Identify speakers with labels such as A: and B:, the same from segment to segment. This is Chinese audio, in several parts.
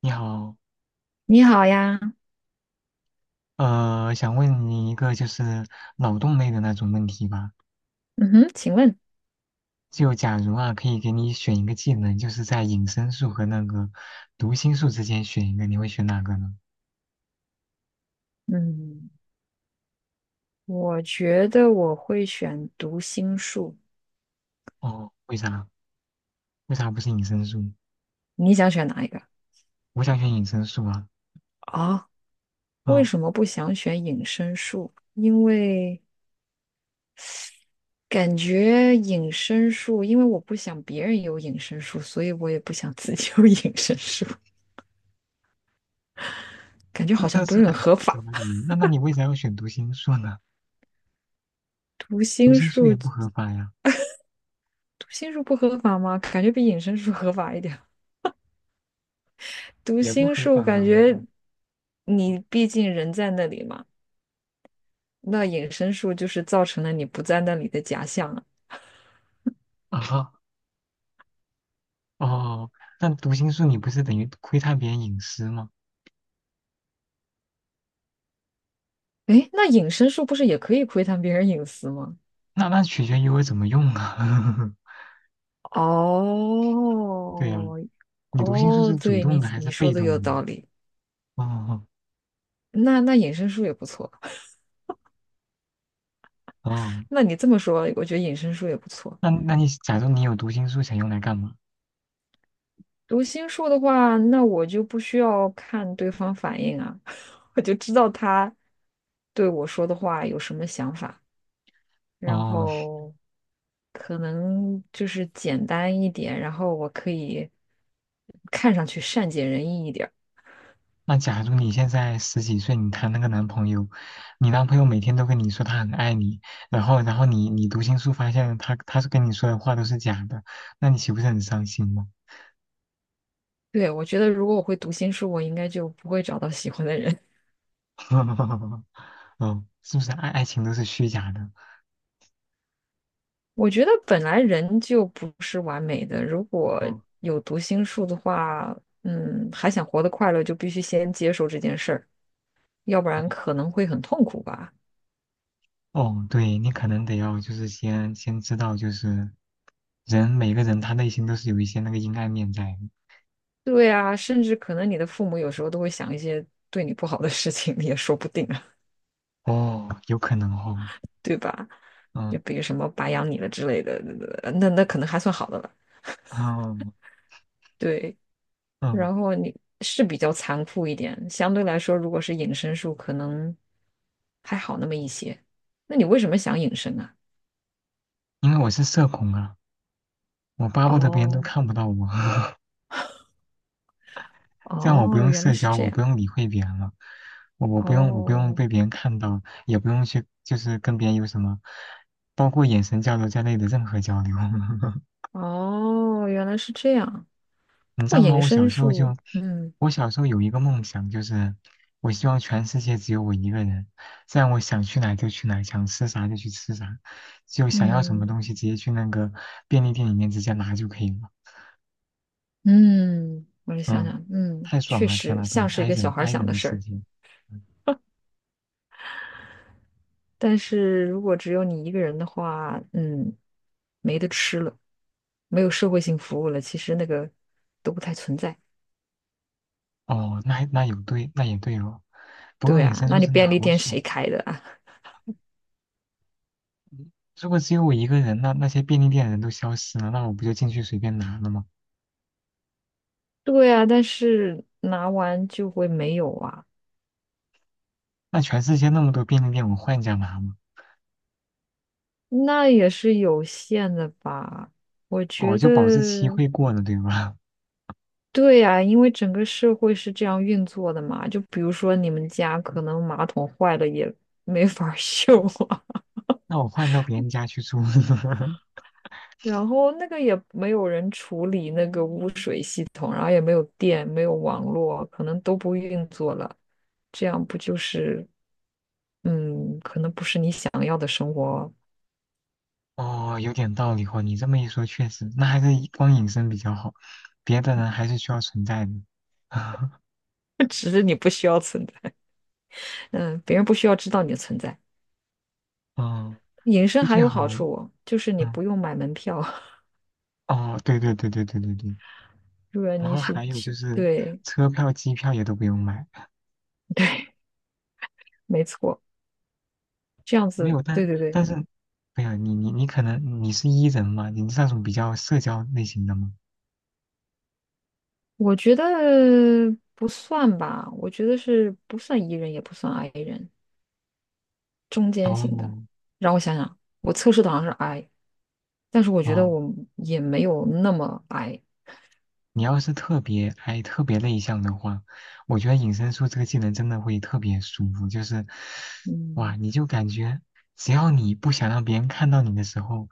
A: 你好，
B: 你好呀。
A: 想问你一个就是脑洞类的那种问题吧。
B: 嗯哼，请问。
A: 就假如啊，可以给你选一个技能，就是在隐身术和那个读心术之间选一个，你会选哪个呢？
B: 嗯，我觉得我会选读心术。
A: 哦，为啥？为啥不是隐身术？
B: 你想选哪一个
A: 我想选隐身术啊。
B: 啊？为
A: 哦，
B: 什么不想选隐身术？因为感觉隐身术，因为我不想别人有隐身术，所以我也不想自己有 隐身术，感觉
A: 这
B: 好
A: 这
B: 像不
A: 这
B: 是很合法。
A: 怎么理由？那你为啥要选读心术呢？
B: 读
A: 读
B: 心
A: 心术
B: 术，
A: 也
B: 读
A: 不合法呀，
B: 心术不合法吗？感觉比隐身术合法一点。读
A: 也不
B: 心
A: 合
B: 术
A: 法吧？
B: 感 觉你毕竟人在那里嘛。那隐身术就是造成了你不在那里的假象啊。
A: 啊，哦，但读心术你不是等于窥探别人隐私吗？
B: 诶，那隐身术不是也可以窥探别人隐私吗？
A: 那取决于我怎么用啊。对呀、
B: 哦。
A: 你读心术
B: 哦，
A: 是主
B: 对，
A: 动
B: 你
A: 的还
B: 你
A: 是
B: 说
A: 被
B: 的
A: 动
B: 有
A: 的？
B: 道理。
A: 哦
B: 那那隐身术也不错。
A: 哦，
B: 那你这么说，我觉得隐身术也不错。
A: 那你假如你有读心术，想用来干嘛？
B: 读心术的话，那我就不需要看对方反应啊，我就知道他对我说的话有什么想法。然
A: 哦，
B: 后可能就是简单一点，然后我可以看上去善解人意一点儿。
A: 那假如你现在十几岁，你谈了个男朋友，你男朋友每天都跟你说他很爱你，然后你读心术发现他是跟你说的话都是假的，那你岂不是很伤心吗？
B: 对，我觉得如果我会读心术，我应该就不会找到喜欢的人。
A: 哦，是不是爱情都是虚假的？
B: 我觉得本来人就不是完美的。如果
A: 嗯。
B: 有读心术的话，还想活得快乐，就必须先接受这件事儿，要不然可能会很痛苦吧。
A: 哦，对，你可能得要就是先知道，就是人每个人他内心都是有一些那个阴暗面在的。
B: 对啊，甚至可能你的父母有时候都会想一些对你不好的事情，也说不定。
A: 哦，有可能哦，
B: 对吧？
A: 嗯
B: 就比如什么白养你了之类的。那那可能还算好的了。
A: 嗯
B: 对，
A: 嗯，
B: 然后你是比较残酷一点，相对来说，如果是隐身术，可能还好那么一些。那你为什么想隐身啊？
A: 因为我是社恐啊，我巴不得别人都
B: 哦。
A: 看不到我，这样我不
B: 哦，
A: 用
B: 原来
A: 社
B: 是
A: 交，
B: 这
A: 我不
B: 样。
A: 用理会别人了，我不用
B: 哦。
A: 被别人看到，也不用去就是跟别人有什么，包括眼神交流在内的任何交流。
B: 哦，原来是这样。不
A: 你知
B: 过
A: 道吗？
B: 隐
A: 我小
B: 身
A: 时候就，
B: 术，
A: 我小时候有一个梦想，就是我希望全世界只有我一个人，这样我想去哪就去哪，想吃啥就去吃啥，就想要什么
B: 嗯
A: 东西直接去那个便利店里面直接拿就可以了。
B: 嗯，我就想
A: 嗯，
B: 想，嗯，
A: 太爽
B: 确
A: 了！天
B: 实
A: 呐，真
B: 像
A: 的
B: 是一
A: ，i
B: 个小
A: 人
B: 孩儿
A: i
B: 想
A: 人
B: 的
A: 的
B: 事
A: 世
B: 儿。
A: 界。嗯。
B: 但是如果只有你一个人的话，没得吃了，没有社会性服务了，其实那个都不太存在。
A: 哦，那那有对，那也对哦。不过
B: 对
A: 隐
B: 啊，
A: 身
B: 那
A: 术
B: 你
A: 真的
B: 便
A: 好
B: 利店
A: 爽。
B: 谁开的啊？
A: 如果只有我一个人，那那些便利店的人都消失了，那我不就进去随便拿了吗？
B: 对啊，但是拿完就会没有啊。
A: 那全世界那么多便利店，我换一家拿吗？
B: 那也是有限的吧？我
A: 哦，
B: 觉
A: 就保质期
B: 得，
A: 会过的，对吧？
B: 对啊，因为整个社会是这样运作的嘛。就比如说你们家可能马桶坏了也没法儿 修啊。
A: 那我换到别人家去住，
B: 然后那个也没有人处理那个污水系统，然后也没有电，没有网络，可能都不运作了。这样不就是，可能不是你想要的生活。
A: 哦，有点道理哦。你这么一说，确实，那还是以光隐身比较好，别的人还是需要存在的。
B: 只是你不需要存在，嗯，别人不需要知道你的存在。
A: 嗯，
B: 隐身
A: 就
B: 还
A: 最
B: 有好
A: 好，
B: 处哦，就是你
A: 嗯，
B: 不用买门票。
A: 哦，对对对对对对对。
B: 入果
A: 然
B: 你
A: 后
B: 去，
A: 还有就是
B: 对，
A: 车票、机票也都不用买，
B: 没错，这样
A: 没
B: 子，
A: 有，
B: 对
A: 但
B: 对对。
A: 但是，没有你可能你是 E 人嘛，你是那种比较社交类型的吗？
B: 我觉得不算吧，我觉得是不算 E 人，也不算 I 人。中间型的。
A: 哦
B: 让我想想，我测试的好像是 I，但是我觉得
A: 哦，
B: 我也没有那么 I。
A: 你要是特别 I 特别内向的话，我觉得隐身术这个技能真的会特别舒服，就是，哇，
B: 嗯，
A: 你就感觉只要你不想让别人看到你的时候，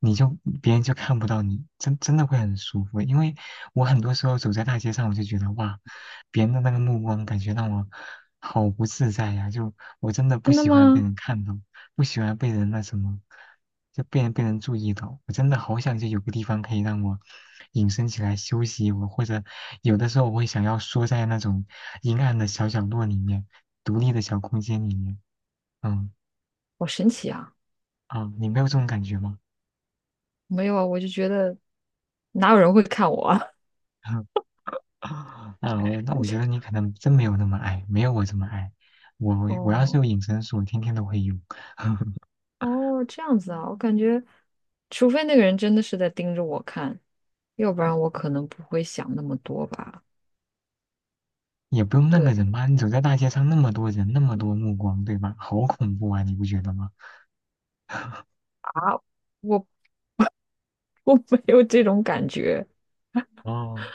A: 你就别人就看不到你，真的会很舒服。因为我很多时候走在大街上，我就觉得哇，别人的那个目光感觉让我好不自在呀、就我真的不
B: 真的
A: 喜欢被
B: 吗？
A: 人看到，不喜欢被人那什么，就被人注意到，我真的好想就有个地方可以让我。隐身起来休息我或者有的时候我会想要缩在那种阴暗的小角落里面，独立的小空间里面。嗯，
B: 好神奇啊！
A: 啊，你没有这种感觉吗？
B: 没有啊，我就觉得哪有人会看我啊？
A: 啊，我觉得你 可能真没有那么爱，没有我这么爱。我我要是
B: 哦。
A: 有隐身术，我天天都会用，
B: 哦，这样子啊，我感觉，除非那个人真的是在盯着我看，要不然我可能不会想那么多吧。
A: 也不用那个
B: 对
A: 人吧？你走在大街上，那么多人，那么多目光，对吧？好恐怖啊，你不觉得吗？
B: 啊，我我没有这种感觉。
A: 哦，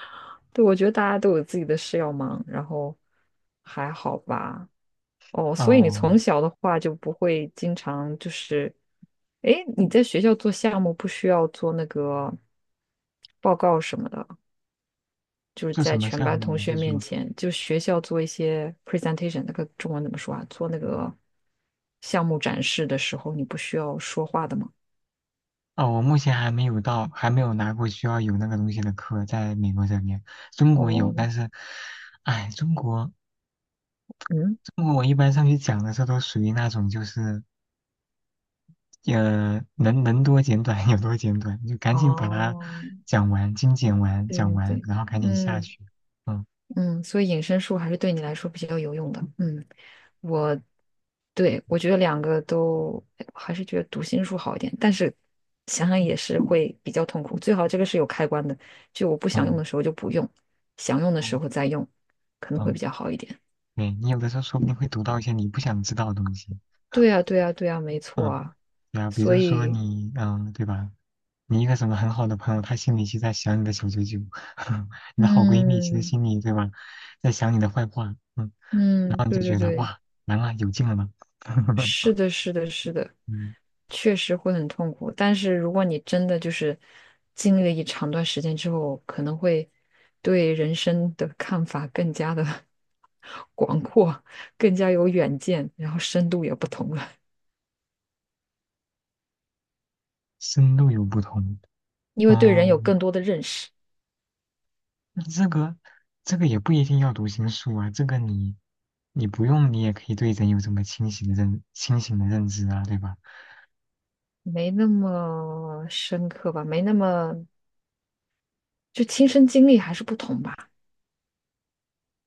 B: 对，我觉得大家都有自己的事要忙，然后还好吧。哦，所以你
A: 哦，
B: 从小的话就不会经常就是，诶，你在学校做项目不需要做那个报告什么的，就是
A: 做什
B: 在
A: 么
B: 全
A: 项
B: 班
A: 目？
B: 同
A: 你是
B: 学面
A: 说？
B: 前，就学校做一些 presentation，那个中文怎么说啊？做那个项目展示的时候，你不需要说话的吗？
A: 哦，我目前还没有到，还没有拿过需要有那个东西的课，在美国这边，中国有，
B: 哦。
A: 但是，哎，中国，
B: 嗯。
A: 中国我一般上去讲的时候都属于那种就是，能多简短有多简短，就赶紧把它
B: 哦，
A: 讲完，精简完，
B: 对
A: 讲
B: 对
A: 完，
B: 对。
A: 然后赶紧下
B: 嗯
A: 去。嗯
B: 嗯，所以隐身术还是对你来说比较有用的，嗯。我对，我觉得两个都还是觉得读心术好一点，但是想想也是会比较痛苦。最好这个是有开关的，就我不想用
A: 嗯
B: 的时候就不用，想用的时
A: 嗯
B: 候再用，可能会
A: 嗯，
B: 比较好一点。
A: 对，你有的时候说不定会读到一些你不想知道的东西。
B: 对呀，对呀，对呀，没错
A: 嗯。
B: 啊。
A: 对啊，比
B: 所
A: 如说
B: 以，
A: 你，嗯，对吧？你一个什么很好的朋友，他心里其实在想你的小九九，你的好闺蜜其实
B: 嗯
A: 心里，对吧，在想你的坏话，嗯，然
B: 嗯，
A: 后你
B: 对
A: 就
B: 对
A: 觉得
B: 对。
A: 哇，完了，有劲了呢，
B: 是的，是的，是的，
A: 嗯，
B: 确实会很痛苦。但是如果你真的就是经历了一长段时间之后，可能会对人生的看法更加的 广阔，更加有远见，然后深度也不同了，
A: 深度有不同，
B: 因为对人有
A: 嗯，
B: 更多的认识。
A: 那这个这个也不一定要读心术啊，这个你你不用，你也可以对人有这么清醒的认知啊，对吧？
B: 没那么深刻吧，没那么就亲身经历还是不同吧。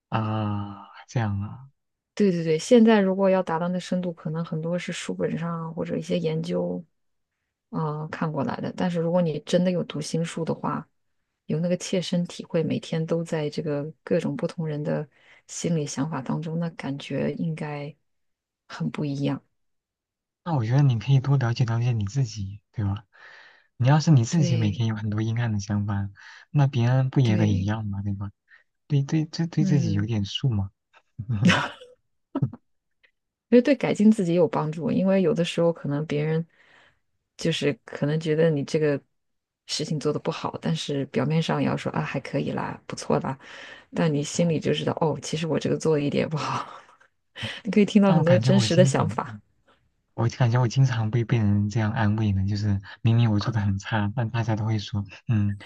A: 啊，这样啊。
B: 对对对，现在如果要达到那深度，可能很多是书本上啊或者一些研究啊、看过来的。但是如果你真的有读心术的话，有那个切身体会，每天都在这个各种不同人的心理想法当中，那感觉应该很不一样。
A: 那我觉得你可以多了解了解你自己，对吧？你要是你自己每
B: 对
A: 天有很多阴暗的想法，那别人不也得一
B: 对，
A: 样嘛，对吧？对对，对对自己有
B: 嗯，
A: 点数嘛。
B: 因为对改进自己有帮助。因为有的时候可能别人就是可能觉得你这个事情做的不好，但是表面上也要说啊还可以啦，不错啦，但你心里
A: 哦
B: 就知道哦，其实我这个做的一点也不好。你可以听到
A: 但我
B: 很多
A: 感觉
B: 真
A: 我
B: 实的
A: 经
B: 想
A: 常，
B: 法。
A: 我感觉我经常被人这样安慰呢，就是明明我做的很差，但大家都会说，嗯，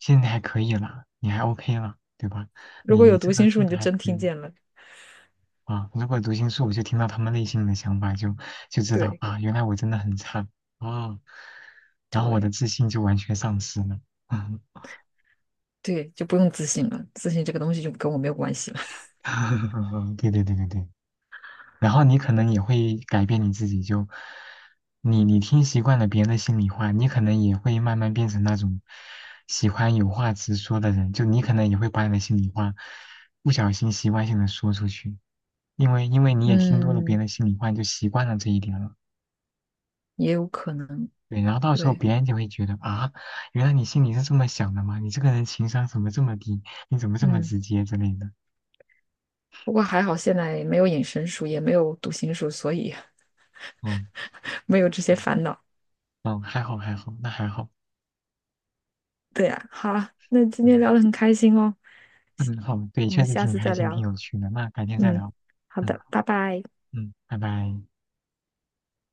A: 现在还可以啦，你还 OK 啦，对吧？
B: 如
A: 你
B: 果
A: 你
B: 有
A: 这
B: 读
A: 个
B: 心术，
A: 做
B: 你
A: 的
B: 就
A: 还
B: 真
A: 可
B: 听
A: 以，
B: 见了。
A: 啊，如果读心术，我就听到他们内心的想法就，就知道
B: 对
A: 啊，原来我真的很差啊，然后我的
B: 对
A: 自信就完全丧失了。
B: 对，就不用自信了，自信这个东西就跟我没有关系了。
A: 对对对对对，然后你可能也会改变你自己就，你你听习惯了别人的心里话，你可能也会慢慢变成那种喜欢有话直说的人，就你可能也会把你的心里话不小心习惯性的说出去，因为 你也听多了别
B: 嗯，
A: 人的心里话，你就习惯了这一点了。
B: 也有可能，
A: 对，然后到时候
B: 对，
A: 别人就会觉得啊，原来你心里是这么想的吗？你这个人情商怎么这么低？你怎么这么
B: 嗯。
A: 直接之类的？
B: 不过还好，现在没有隐身术，也没有读心术，所以
A: 嗯
B: 没有这些
A: 嗯，
B: 烦恼。
A: 嗯还好还好，那还好，
B: 对呀，好啊，那今
A: 嗯
B: 天聊得很开心哦，
A: 嗯好，对，
B: 我
A: 确
B: 们
A: 实
B: 下
A: 挺
B: 次
A: 开
B: 再
A: 心，挺
B: 聊。
A: 有趣的。那改天再
B: 嗯，
A: 聊，
B: 好
A: 嗯
B: 的，拜拜。
A: 嗯，拜拜。